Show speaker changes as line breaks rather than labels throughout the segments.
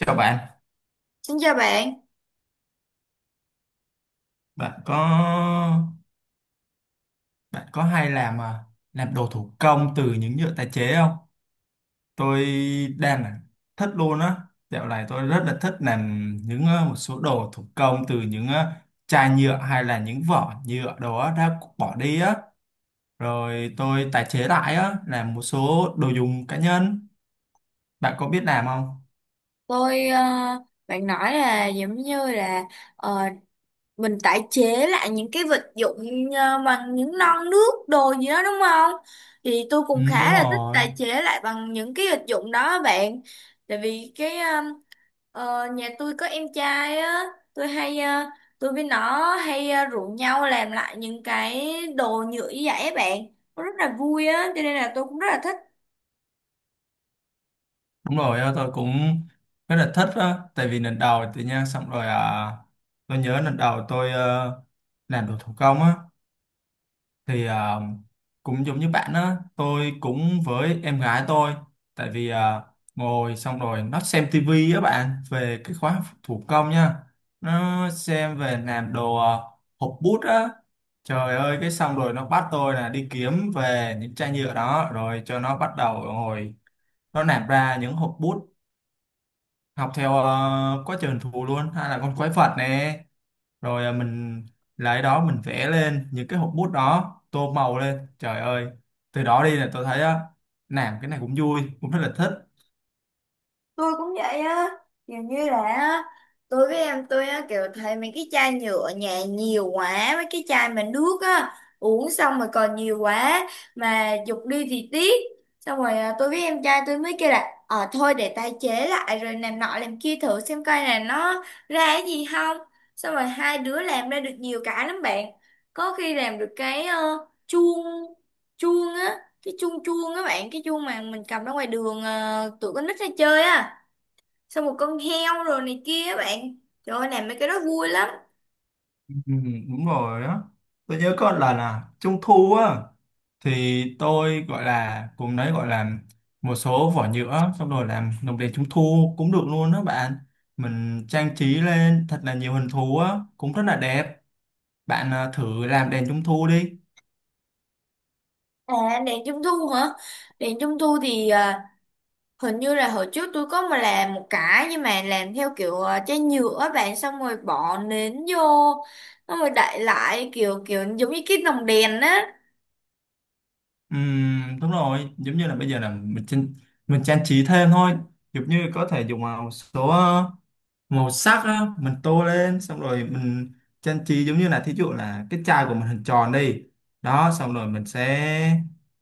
Chào bạn,
Xin chào bạn.
bạn có bạn có hay làm à, làm đồ thủ công từ những nhựa tái chế không? Tôi đang là thích luôn á. Dạo này tôi rất là thích làm những một số đồ thủ công từ những chai nhựa hay là những vỏ nhựa đồ á, đã bỏ đi á. Rồi tôi tái chế lại á, làm một số đồ dùng cá nhân. Bạn có biết làm không?
tôi ờ, Bạn nói là giống như là ờ, mình tái chế lại những cái vật dụng bằng những non nước đồ gì đó đúng không? Thì tôi
Ừ,
cũng
đúng
khá là thích
rồi.
tái chế lại bằng những cái vật dụng đó á bạn, tại vì nhà tôi có em trai á. tôi hay ờ, tôi với nó hay rủ nhau làm lại những cái đồ nhựa như vậy á bạn, nó rất là vui á, cho nên là tôi cũng rất là thích.
Đúng rồi, á, tôi cũng rất là thích á, tại vì lần đầu tự nhiên xong rồi à, tôi nhớ lần đầu tôi làm đồ thủ công á, thì à, cũng giống như bạn á, tôi cũng với em gái tôi, tại vì à, ngồi xong rồi nó xem tivi á bạn, về cái khóa học thủ công nha, nó xem về làm đồ à, hộp bút á, trời ơi cái xong rồi nó bắt tôi là đi kiếm về những chai nhựa đó, rồi cho nó bắt đầu ngồi nó làm ra những hộp bút học theo quá trời hình thù luôn hay là con quái vật nè rồi mình lấy đó mình vẽ lên những cái hộp bút đó tô màu lên, trời ơi từ đó đi là tôi thấy á làm cái này cũng vui, cũng rất là thích.
Tôi cũng vậy á, kiểu như là á, tôi với em tôi á kiểu thấy mấy cái chai nhựa ở nhà nhiều quá, mấy cái chai mà nước á uống xong rồi còn nhiều quá mà giục đi thì tiếc. Xong rồi à, tôi với em trai tôi mới kêu là ờ thôi để tái chế lại rồi làm nọ làm kia thử xem coi là nó ra cái gì không. Xong rồi hai đứa làm ra được nhiều cái lắm bạn, có khi làm được cái chuông, chuông á, cái chuông chuông á bạn, cái chuông mà mình cầm ra ngoài đường tụi con nít ra chơi á, xong một con heo rồi này kia á bạn. Trời ơi, làm mấy cái đó vui lắm.
Ừ, đúng rồi đó, tôi nhớ có lần là trung thu á thì tôi gọi là cùng đấy gọi là một số vỏ nhựa xong rồi làm lồng đèn trung thu cũng được luôn đó bạn, mình trang trí lên thật là nhiều hình thú á cũng rất là đẹp. Bạn à, thử làm đèn trung thu đi.
À, đèn trung thu hả? Đèn trung thu thì à, hình như là hồi trước tôi có mà làm một cái, nhưng mà làm theo kiểu à, chai nhựa á bạn, xong rồi bỏ nến vô, xong rồi đậy lại kiểu kiểu giống như cái lồng đèn á.
Đúng rồi, giống như là bây giờ là mình trang trí thêm thôi, giống như có thể dùng vào một số màu sắc á, mình tô lên xong rồi mình trang trí, giống như là thí dụ là cái chai của mình hình tròn đi, đó xong rồi mình sẽ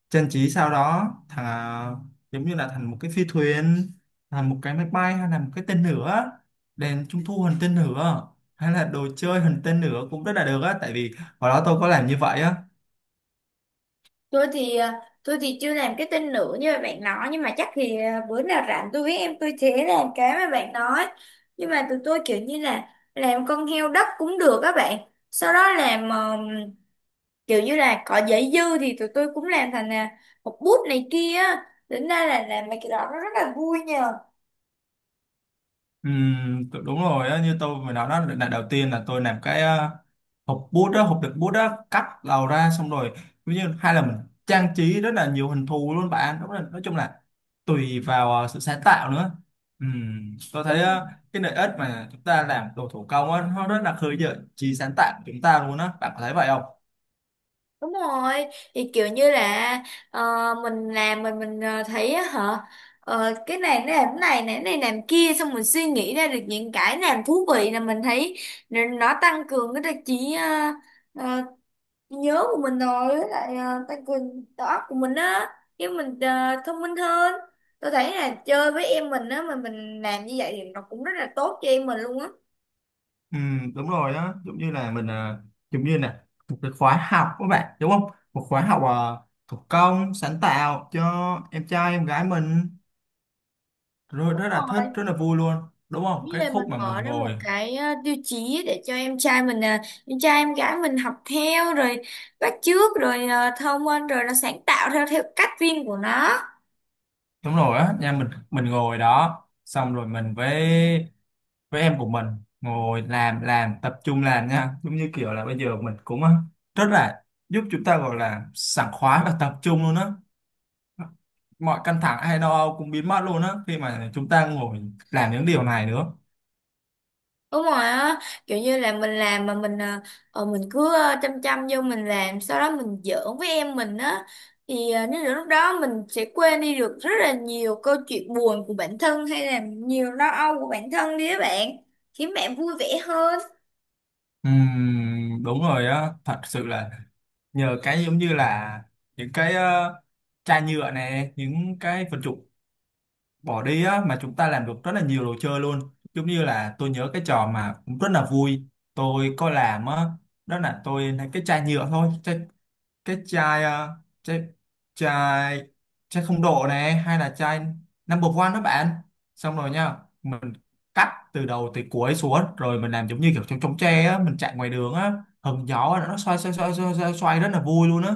trang trí sau đó thành giống như là thành một cái phi thuyền, thành một cái máy bay hay là một cái tên lửa, đèn trung thu hình tên lửa hay là đồ chơi hình tên lửa cũng rất là được á, tại vì hồi đó tôi có làm như vậy á.
Tôi thì à, tôi thì chưa làm cái tên nữa như mà bạn nói, nhưng mà chắc thì à, bữa nào rảnh tôi với em tôi sẽ làm cái mà bạn nói. Nhưng mà tụi tôi kiểu như là làm con heo đất cũng được các bạn. Sau đó làm kiểu như là có giấy dư thì tụi tôi cũng làm thành là một bút này kia á. Tính ra là làm mấy cái đó nó rất là vui nhờ.
Đúng rồi á, như tôi mới nói đó, lần đầu tiên là tôi làm cái hộp bút đó, hộp đựng bút đó, cắt đầu ra xong rồi ví như hay là mình trang trí rất là nhiều hình thù luôn bạn, đúng là nói chung là tùy vào sự sáng tạo nữa. Tôi thấy
Đúng rồi.
cái lợi ích mà chúng ta làm đồ thủ công á, nó rất là khơi gợi trí sáng tạo của chúng ta luôn á, bạn có thấy vậy không?
Đúng rồi, thì kiểu như là ờ, mình làm mình thấy á hả, cái này nó làm cái này, này cái này làm kia, xong mình suy nghĩ ra được những cái làm thú vị là mình thấy nó tăng cường cái đặc trí nhớ của mình, rồi với lại tăng cường đầu óc của mình á, chứ mình thông minh hơn. Tôi thấy là chơi với em mình á mà mình làm như vậy thì nó cũng rất là tốt cho em mình luôn á.
Ừ, đúng rồi đó, giống như là mình à, giống như là một cái khóa học các bạn đúng không, một khóa học à, thủ công sáng tạo cho em trai em gái mình, rồi
Đúng
rất là thích
rồi.
rất là vui luôn, đúng không,
Với
cái
lại mình
khúc mà mình
mở ra một
ngồi,
cái tiêu chí để cho em trai mình em trai em gái mình học theo, rồi bắt chước, rồi thông minh, rồi nó sáng tạo theo theo cách riêng của nó.
đúng rồi á nha, mình ngồi đó xong rồi mình với em của mình ngồi làm tập trung làm nha, giống như kiểu là bây giờ mình cũng à, rất là giúp chúng ta gọi là sảng khoái và tập trung luôn á, mọi căng thẳng hay lo âu cũng biến mất luôn á khi mà chúng ta ngồi làm những điều này nữa.
Đúng rồi á, kiểu như là mình làm mà mình cứ chăm chăm vô mình làm, sau đó mình giỡn với em mình á, thì nếu được lúc đó mình sẽ quên đi được rất là nhiều câu chuyện buồn của bản thân hay là nhiều lo âu của bản thân đi các bạn, khiến bạn vui vẻ hơn.
Đúng rồi á, thật sự là nhờ cái giống như là những cái chai nhựa này, những cái vật dụng bỏ đi á mà chúng ta làm được rất là nhiều đồ chơi luôn, giống như là tôi nhớ cái trò mà cũng rất là vui, tôi có làm á, đó là tôi lấy cái chai nhựa thôi, cái chai à, chai chai chai không độ này hay là chai number one đó bạn, xong rồi nha, mình cắt từ đầu tới cuối xuống rồi mình làm giống như kiểu chống chống tre á, mình chạy ngoài đường á hứng gió, nó xoay xoay xoay xoay xoay, xoay rất là vui luôn á.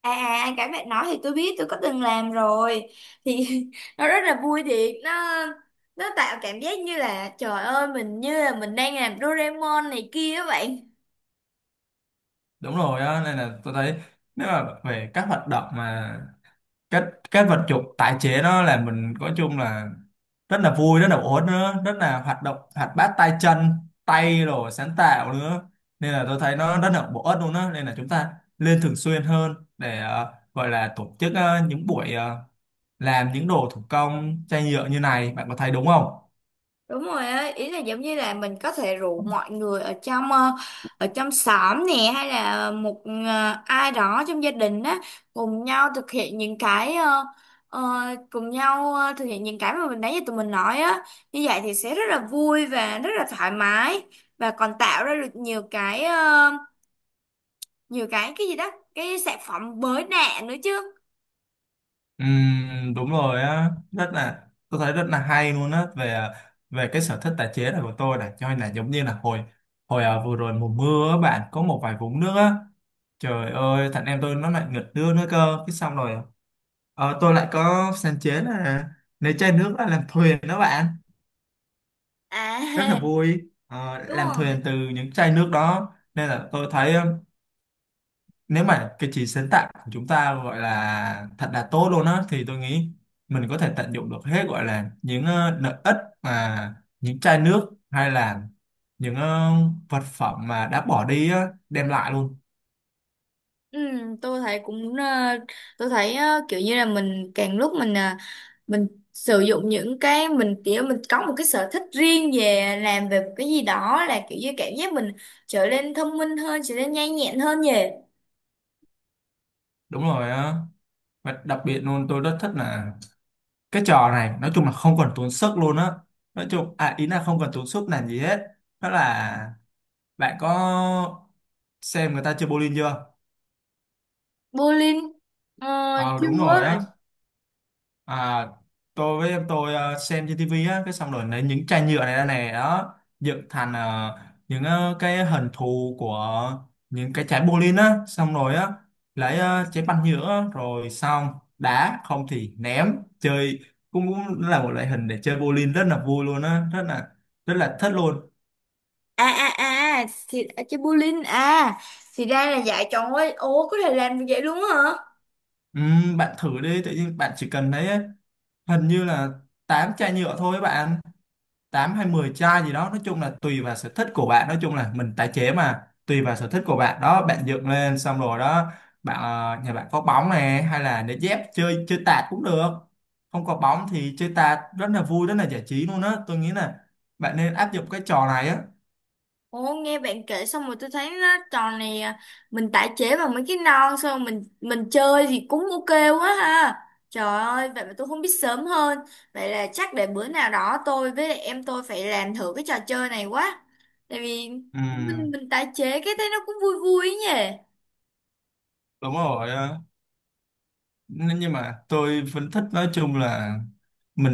Cái bạn nói thì tôi biết, tôi có từng làm rồi, thì nó rất là vui thiệt. Nó tạo cảm giác như là trời ơi mình như là mình đang làm Doraemon này kia các bạn.
Đúng rồi á nên là tôi thấy, nếu mà về các hoạt động mà cái cái vật dụng tái chế nó là mình, nói chung là rất là vui, rất là ổn nữa, rất là hoạt động hoạt bát tay chân, tay rồi sáng tạo nữa, nên là tôi thấy nó rất là bổ ích luôn đó, nên là chúng ta nên thường xuyên hơn để gọi là tổ chức những buổi làm những đồ thủ công chai nhựa như này, bạn có thấy đúng không?
Đúng rồi á, ý là giống như là mình có thể rủ mọi người ở trong ở trong xóm nè, hay là một ai đó trong gia đình á, cùng nhau thực hiện những cái ờ, thực hiện những cái mà mình nãy giờ tụi mình nói á. Như vậy thì sẽ rất là vui và rất là thoải mái, và còn tạo ra được nhiều cái nhiều cái gì đó, cái sản phẩm mới lạ nữa chứ.
Đúng rồi á, rất là tôi thấy rất là hay luôn á về về cái sở thích tái chế này của tôi này, cho nên là giống như là hồi hồi vừa rồi mùa mưa á, bạn có một vài vũng nước á. Trời ơi, thằng em tôi nó lại nghịch nước nữa cơ. Cái xong rồi tôi lại có sáng chế là lấy chai nước ra làm thuyền đó bạn. Rất là
À
vui. Ờ,
đúng
làm
rồi.
thuyền từ những chai nước đó. Nên là tôi thấy nếu mà cái trí sáng tạo của chúng ta gọi là thật là tốt luôn á, thì tôi nghĩ mình có thể tận dụng được hết, gọi là những lợi ích mà những chai nước hay là những vật phẩm mà đã bỏ đi á, đem lại luôn.
Ừ, tôi thấy cũng ờ, tôi thấy kiểu như là mình càng lúc mình ờ, mình sử dụng những cái mình kiểu mình có một cái sở thích riêng về làm về một cái gì đó, là kiểu như cảm giác mình trở nên thông minh hơn, trở nên nhanh nhẹn hơn nhỉ.
Đúng rồi á. Và đặc biệt luôn tôi rất thích là cái trò này, nói chung là không cần tốn sức luôn á, nói chung à ý là không cần tốn sức làm gì hết, đó là bạn có xem người ta chơi bowling chưa?
Bowling? ờ,
Ờ
Chưa.
đúng rồi á. À, tôi với em tôi xem trên tivi á, cái xong rồi lấy những chai nhựa này ra này đó, dựng thành những cái hình thù của những cái trái bowling á, xong rồi á lấy trái banh nhựa á, rồi xong đá không thì ném chơi, cũng là một loại hình để chơi bowling, rất là vui luôn á, rất là thích luôn.
à à à thì à, chơi bowling à, thì ra là dạy chọn ấy. Ồ, có thể làm được vậy luôn á hả?
Bạn thử đi, tự nhiên bạn chỉ cần thấy hình như là 8 chai nhựa thôi bạn, 8 hay 10 chai gì đó, nói chung là tùy vào sở thích của bạn, nói chung là mình tái chế mà, tùy vào sở thích của bạn đó bạn, dựng lên xong rồi đó bạn, nhà bạn có bóng này hay là để dép chơi chơi tạt cũng được, không có bóng thì chơi tạt rất là vui, rất là giải trí luôn á, tôi nghĩ là bạn nên áp dụng cái trò này á.
Ủa, nghe bạn kể xong rồi tôi thấy nó trò này à, mình tái chế bằng mấy cái non xong rồi mình chơi thì cũng ok quá ha. Trời ơi, vậy mà tôi không biết sớm hơn. Vậy là chắc để bữa nào đó tôi với lại em tôi phải làm thử cái trò chơi này quá. Tại vì
Ừ,
mình tái chế cái thấy nó cũng vui vui ấy nhỉ.
đúng rồi á. Nhưng mà tôi vẫn thích, nói chung là mình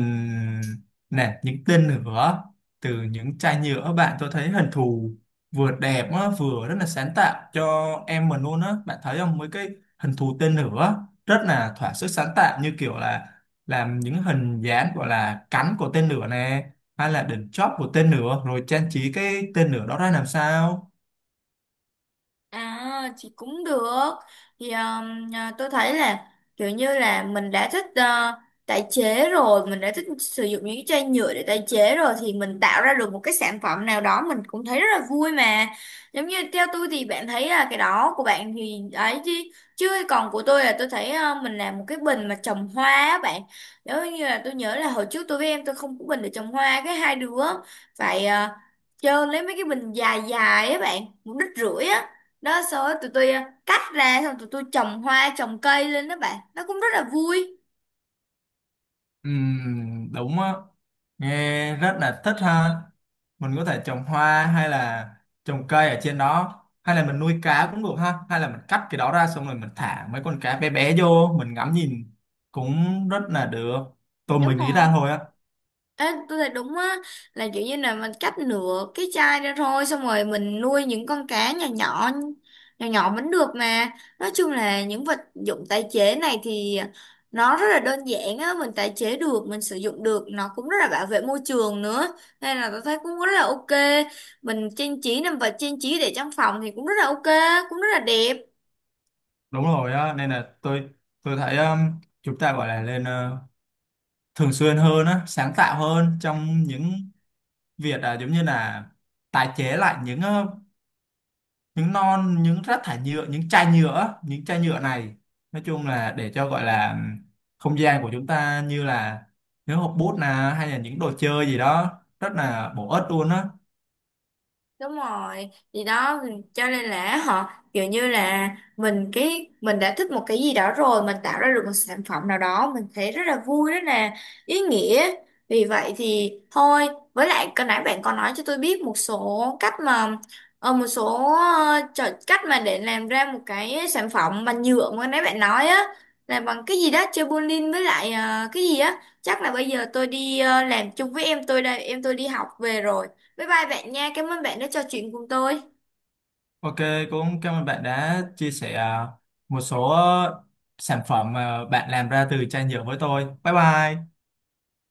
nè những tên lửa từ những chai nhựa bạn, tôi thấy hình thù vừa đẹp á, vừa rất là sáng tạo cho em mình luôn á, bạn thấy không, mấy cái hình thù tên lửa rất là thỏa sức sáng tạo, như kiểu là làm những hình dáng gọi là cánh của tên lửa nè, hay là đỉnh chóp của tên lửa, rồi trang trí cái tên lửa đó ra làm sao.
À thì cũng được. Thì à, tôi thấy là kiểu như là mình đã thích tái chế rồi, mình đã thích sử dụng những cái chai nhựa để tái chế rồi, thì mình tạo ra được một cái sản phẩm nào đó mình cũng thấy rất là vui mà. Giống như theo tôi thì bạn thấy là cái đó của bạn thì ấy chứ, chứ còn của tôi là tôi thấy mình làm một cái bình mà trồng hoa á bạn. Nếu như là tôi nhớ là hồi trước tôi với em tôi không có bình để trồng hoa, cái hai đứa phải chơi lấy mấy cái bình dài dài á bạn, một đít rưỡi á, đó xong rồi tụi tôi cắt ra, xong tụi tôi trồng hoa trồng cây lên đó bạn, nó cũng rất là vui.
Đúng á, nghe rất là thích ha, mình có thể trồng hoa hay là trồng cây ở trên đó, hay là mình nuôi cá cũng được ha, hay là mình cắt cái đó ra xong rồi mình thả mấy con cá bé bé vô mình ngắm nhìn cũng rất là được, tôi
Đúng
mới nghĩ
rồi.
ra thôi á.
Ê, tôi thấy đúng á, là kiểu như là mình cắt nửa cái chai ra thôi, xong rồi mình nuôi những con cá nhỏ nhỏ vẫn được mà. Nói chung là những vật dụng tái chế này thì nó rất là đơn giản á, mình tái chế được, mình sử dụng được, nó cũng rất là bảo vệ môi trường nữa, nên là tôi thấy cũng rất là ok. Mình trang trí nằm vật trang trí để trong phòng thì cũng rất là ok, cũng rất là đẹp.
Đúng rồi á nên là tôi thấy chúng ta gọi là lên thường xuyên hơn á, sáng tạo hơn trong những việc à, giống như là tái chế lại những những non, những rác thải nhựa, những chai nhựa này, nói chung là để cho gọi là không gian của chúng ta như là những hộp bút nè hay là những đồ chơi gì đó, rất là bổ ích luôn á.
Đúng rồi thì đó, cho nên là họ kiểu như là mình, cái mình đã thích một cái gì đó rồi, mình tạo ra được một sản phẩm nào đó mình thấy rất là vui, rất là ý nghĩa. Vì vậy thì thôi, với lại cái nãy bạn có nói cho tôi biết một số cách mà một số trò cách mà để làm ra một cái sản phẩm bằng nhựa mà nãy bạn nói á, là bằng cái gì đó chơi bowling với lại cái gì á, chắc là bây giờ tôi đi làm chung với em tôi đây, em tôi đi học về rồi. Bye bye bạn nha. Cảm ơn bạn đã trò chuyện cùng tôi.
OK, cũng cảm ơn bạn đã chia sẻ à, một số sản phẩm mà bạn làm ra từ chai nhựa với tôi. Bye bye.